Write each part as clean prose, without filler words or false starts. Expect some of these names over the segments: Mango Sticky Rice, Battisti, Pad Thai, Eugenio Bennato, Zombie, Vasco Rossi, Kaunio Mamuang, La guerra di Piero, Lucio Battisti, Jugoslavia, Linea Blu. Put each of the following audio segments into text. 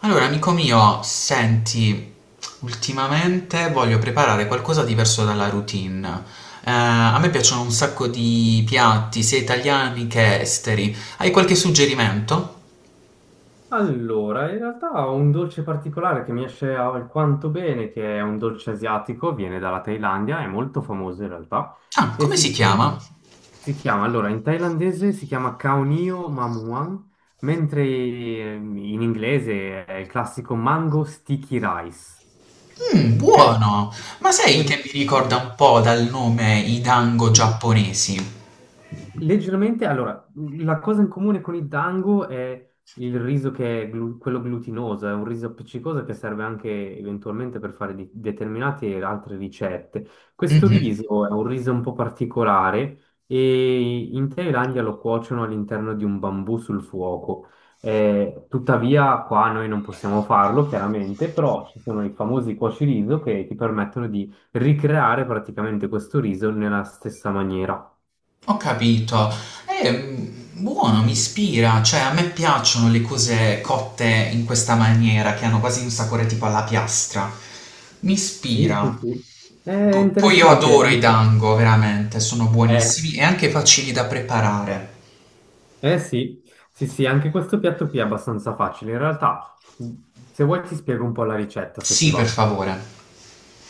Allora, amico mio, senti, ultimamente voglio preparare qualcosa diverso dalla routine. A me piacciono un sacco di piatti, sia italiani che esteri. Hai qualche suggerimento? Allora, in realtà ho un dolce particolare che mi esce alquanto bene, che è un dolce asiatico, viene dalla Thailandia, è molto famoso in realtà, Ah, e come si chiama? Allora, in thailandese si chiama Kaunio Mamuang, mentre in inglese è il classico Mango Sticky Rice. Mmm, Per- buono! Ma sai che per- mi ricorda un po' dal nome i dango Mm. giapponesi? Leggermente, allora, la cosa in comune con il dango è il riso che è quello glutinoso, è un riso appiccicoso che serve anche eventualmente per fare determinate altre ricette. Questo Mhm. riso è un riso un po' particolare e in Thailandia lo cuociono all'interno di un bambù sul fuoco. Tuttavia, qua noi non possiamo farlo, chiaramente, però ci sono i famosi cuociriso che ti permettono di ricreare praticamente questo riso nella stessa maniera. Ho capito. È buono, mi ispira, cioè a me piacciono le cose cotte in questa maniera, che hanno quasi un sapore tipo alla piastra. Mi Sì, sì, ispira. sì. È Poi io interessante. adoro i dango, veramente, sono Eh, buonissimi e anche facili da preparare. eh sì, sì, sì, anche questo piatto qui è abbastanza facile. In realtà, se vuoi ti spiego un po' la ricetta, se ti Sì, per va. favore.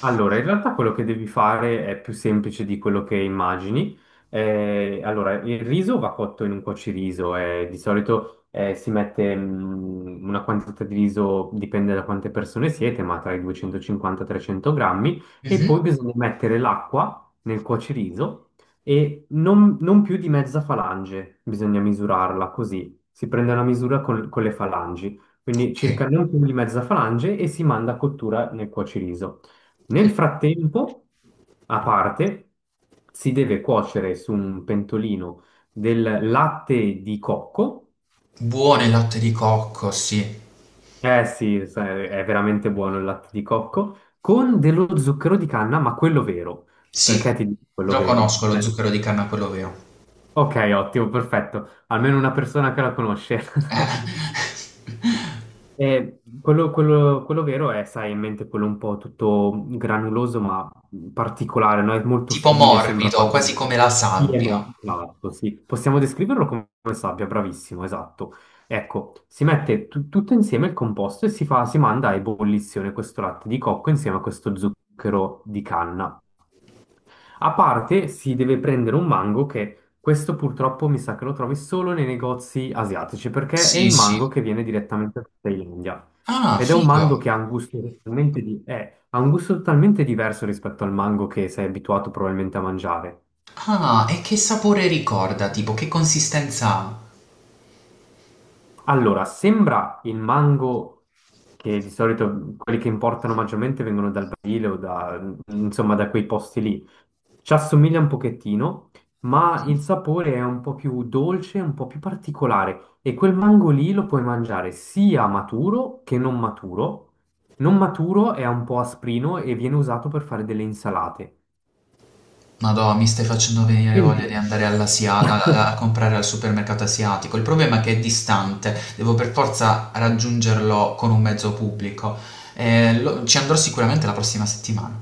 Allora, in realtà quello che devi fare è più semplice di quello che immagini. Allora, il riso va cotto in un cuociriso, di solito si mette una quantità di riso, dipende da quante persone siete, ma tra i 250 e 300 grammi, e Mhm. poi bisogna mettere l'acqua nel cuociriso e non più di mezza falange, bisogna misurarla così, si prende una misura con le falangi, quindi Ok. circa non più di mezza falange e si manda a cottura nel cuociriso. Nel Mm. frattempo, a parte, si deve cuocere su un pentolino del latte di cocco. Buono il latte di cocco, sì. Eh sì, è veramente buono il latte di cocco, con dello zucchero di canna, ma quello vero. Sì, Perché ti dico quello lo vero? conosco lo zucchero di canna, quello vero. Ok, ottimo, perfetto. Almeno una persona che la conosce. Eh. Quello vero è, sai, in mente quello un po' tutto granuloso ma particolare, no? È molto Tipo fine, sembra morbido, quasi quasi... come la Sì e sabbia. no, esatto, sì. Possiamo descriverlo come sabbia, bravissimo, esatto. Ecco, si mette tutto insieme il composto e si fa, si manda a ebollizione questo latte di cocco insieme a questo zucchero di canna. A parte si deve prendere un mango che questo purtroppo mi sa che lo trovi solo nei negozi asiatici perché è Sì, il sì. mango che viene direttamente dalla Thailandia Ah, ed è un figo. mango che ha un gusto totalmente, ha un gusto totalmente diverso rispetto al mango che sei abituato probabilmente a mangiare. Ah, e che sapore ricorda? Tipo, che consistenza ha? Allora, sembra il mango che di solito quelli che importano maggiormente vengono dal Brasile o da, insomma, da quei posti lì. Ci assomiglia un pochettino, ma il Mhm. sapore è un po' più dolce, un po' più particolare. E quel mango lì lo puoi mangiare sia maturo che non maturo. Non maturo è un po' asprino e viene usato per fare delle insalate. Madonna, mi stai facendo venire voglia Mentre di andare a, a comprare al supermercato asiatico. Il problema è che è distante, devo per forza raggiungerlo con un mezzo pubblico. Ci andrò sicuramente la prossima settimana.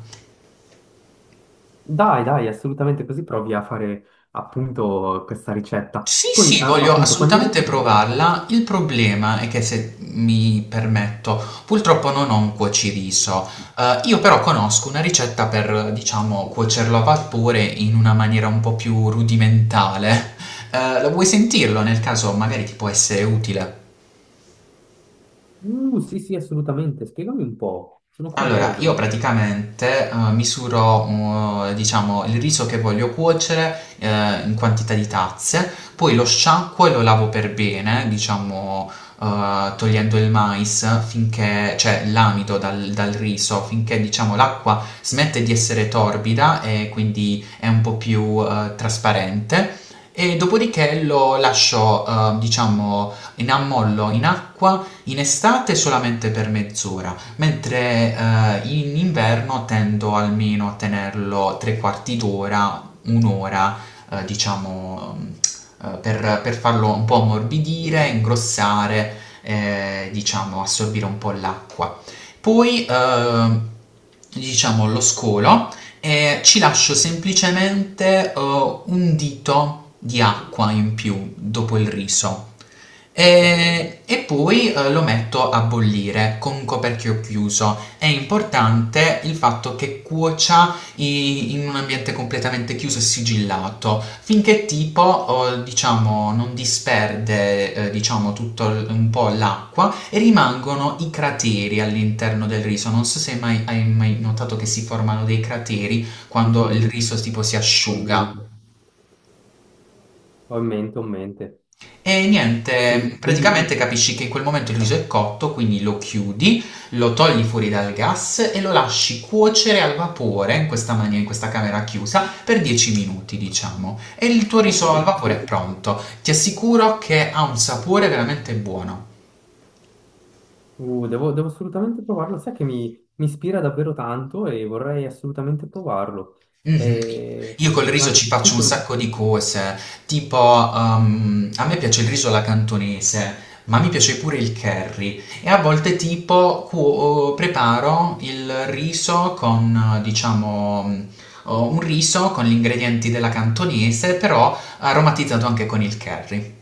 Dai, dai, assolutamente così provi a fare appunto questa ricetta. Sì, Poi, sì, voglio appunto, quando... assolutamente provarla. Il problema è che se mi permetto, purtroppo non ho un cuociriso. Io però conosco una ricetta per, diciamo, cuocerlo a vapore in una maniera un po' più rudimentale. Lo vuoi sentirlo? Nel caso magari ti può essere utile. Sì, sì, assolutamente. Spiegami un po', sono Allora, io curioso. praticamente misuro, diciamo, il riso che voglio cuocere in quantità di tazze, poi lo sciacquo e lo lavo per bene, diciamo, togliendo il mais finché, cioè l'amido dal riso, finché, diciamo, l'acqua smette di essere torbida e quindi è un po' più trasparente. E dopodiché lo lascio, diciamo, in ammollo in acqua in estate solamente per mezz'ora mentre in inverno tendo almeno a tenerlo 3 quarti d'ora, un'ora, diciamo, per farlo un po' Mm. ammorbidire, ingrossare, diciamo, assorbire un po' l'acqua. Poi, diciamo, lo scolo e ci lascio semplicemente un dito di acqua in più dopo il riso. Ok, E poi lo metto a bollire con un coperchio chiuso. È importante il fatto che cuocia in un ambiente completamente chiuso e sigillato, finché tipo, oh, diciamo, non disperde, diciamo, un po' l'acqua e rimangono i crateri all'interno del riso. Non so se mai, hai mai notato che si formano dei crateri sì, quando il sì, riso tipo si ho in asciuga. mente, ho in mente, ho in mente. E niente, Sì, quindi, praticamente capisci che in quel momento il riso è cotto, quindi lo chiudi, lo togli fuori dal gas e lo lasci cuocere al vapore in questa maniera, in questa camera chiusa, per 10 minuti, diciamo. E il tuo ok, riso al vapore è sì. pronto. Ti assicuro che ha un sapore veramente buono. Devo assolutamente provarlo. Sai che mi ispira davvero tanto e vorrei assolutamente provarlo. Mh-mh. Eh, Io col riso ci ma tu... faccio un sacco di consigli? cose, tipo, a me piace il riso alla cantonese, ma mi piace pure il curry e a volte tipo cuo preparo il riso con diciamo, un riso con gli ingredienti della cantonese, però aromatizzato anche con il curry.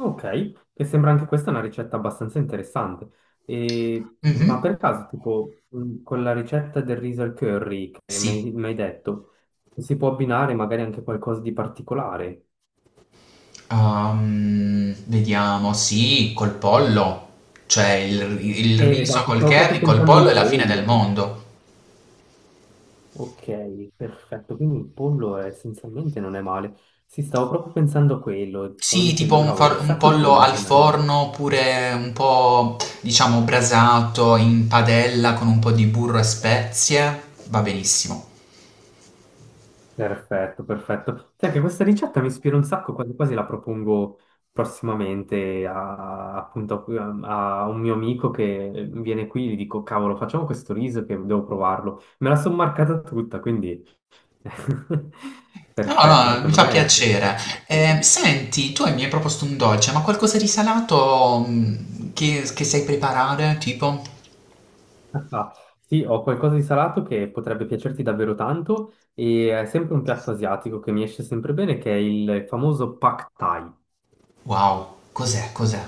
Ok, che sembra anche questa una ricetta abbastanza interessante. E- Mh-mh. ma per caso, tipo, con la ricetta del riso al curry che Sì. mi hai detto, si può abbinare magari anche qualcosa di particolare? Vediamo, sì, col pollo, cioè il riso Esatto, col stavo proprio curry, col pensando pollo è al la fine del pollo. mondo. Ok, perfetto, quindi il pollo è- essenzialmente non è male. Sì, stavo proprio pensando a quello, stavo Sì, tipo dicendo, cavolo, un chissà col pollo pollo al com'è. forno oppure un po', diciamo, brasato in padella con un po' di burro e spezie, va benissimo. Perfetto, perfetto. Sai che questa ricetta mi ispira un sacco, quasi quasi la propongo prossimamente a, appunto, a un mio amico che viene qui e gli dico, cavolo, facciamo questo riso che devo provarlo. Me la sono marcata tutta, quindi No, perfetto, no, no, mi secondo fa me. piacere. Senti, tu mi hai proposto un dolce, ma qualcosa di salato che sai preparare? Tipo? Ah, sì, ho qualcosa di salato che potrebbe piacerti davvero tanto e è sempre un piatto asiatico che mi esce sempre bene, che è il famoso Pad Thai. Wow, cos'è? Cos'è?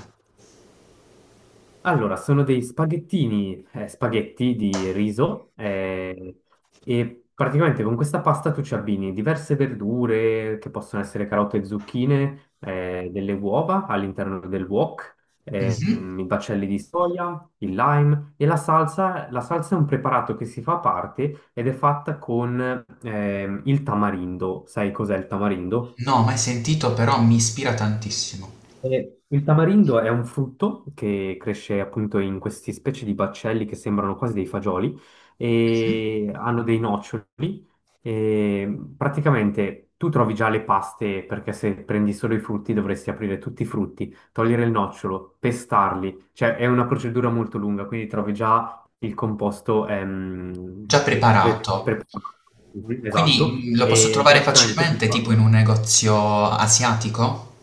Allora, sono dei spaghetti di riso e praticamente con questa pasta tu ci abbini diverse verdure che possono essere carote e zucchine, delle uova all'interno del wok, Mhm. I baccelli di soia, il lime e la salsa. La salsa è un preparato che si fa a parte ed è fatta con il tamarindo. Sai cos'è il tamarindo? No, mai sentito, però mi ispira tantissimo. Il tamarindo è un frutto che cresce appunto in queste specie di baccelli che sembrano quasi dei fagioli e hanno dei noccioli. E praticamente tu trovi già le paste perché se prendi solo i frutti dovresti aprire tutti i frutti, togliere il nocciolo, pestarli, cioè è una procedura molto lunga, quindi trovi già il composto Già preparato. preparato. Mhm, Quindi esatto, lo posso e trovare praticamente facilmente, fa. tipo in un negozio asiatico?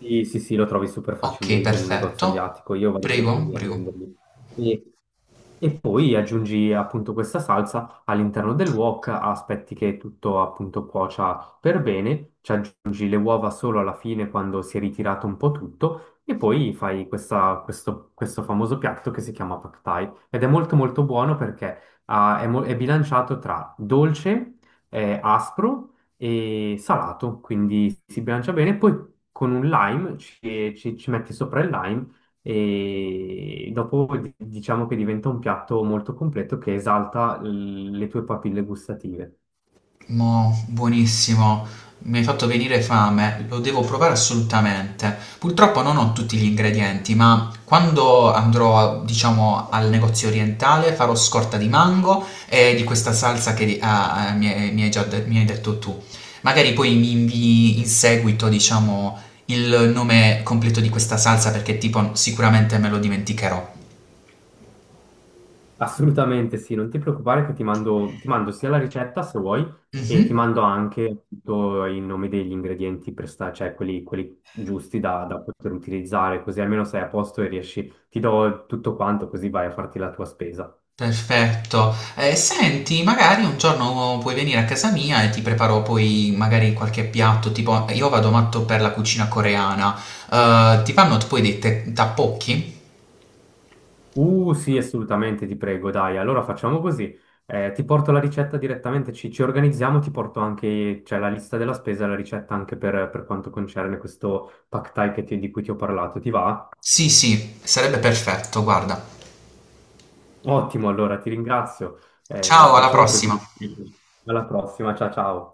Sì, sì, sì, lo trovi super Ok, facilmente in un perfetto. negozio asiatico, io vado sempre Prego, lì a prego. prenderli. E, e poi aggiungi appunto questa salsa all'interno del wok, aspetti che tutto appunto cuocia per bene, ci aggiungi le uova solo alla fine quando si è ritirato un po' tutto e poi fai questo famoso piatto che si chiama Pad Thai ed è molto molto buono perché ah, è, mo- è bilanciato tra dolce, aspro e salato, quindi si bilancia bene. Poi con un lime ci metti sopra il lime e dopo diciamo che diventa un piatto molto completo che esalta l- le tue papille gustative. Mo, buonissimo. Mi hai fatto venire fame, lo devo provare assolutamente. Purtroppo non ho tutti gli ingredienti, ma quando andrò, diciamo, al negozio orientale farò scorta di mango e di questa salsa che mi hai detto tu. Magari poi mi invii in seguito, diciamo, il nome completo di questa salsa perché tipo sicuramente me lo dimenticherò. Assolutamente sì, non ti preoccupare che ti mando sia la ricetta se vuoi e ti Mhm. mando anche tutto il nome degli ingredienti per sta- cioè quelli giusti da poter utilizzare, così almeno sei a posto e riesci, ti do tutto quanto così vai a farti la tua spesa. Perfetto. Senti, magari un giorno puoi venire a casa mia e ti preparo poi magari qualche piatto, tipo io vado matto per la cucina coreana. Ti fanno poi dei tappocchi? Sì, assolutamente, ti prego, dai. Allora facciamo così. Ti porto la ricetta direttamente, ci organizziamo, ti porto anche, cioè, la lista della spesa e la ricetta anche per quanto concerne questo pack thai che ti- di cui ti ho parlato. Ti va? Sì, sì, sarebbe perfetto, guarda. Ottimo, allora ti ringrazio. Ciao, alla Facciamo così. prossima. Alla prossima, ciao ciao.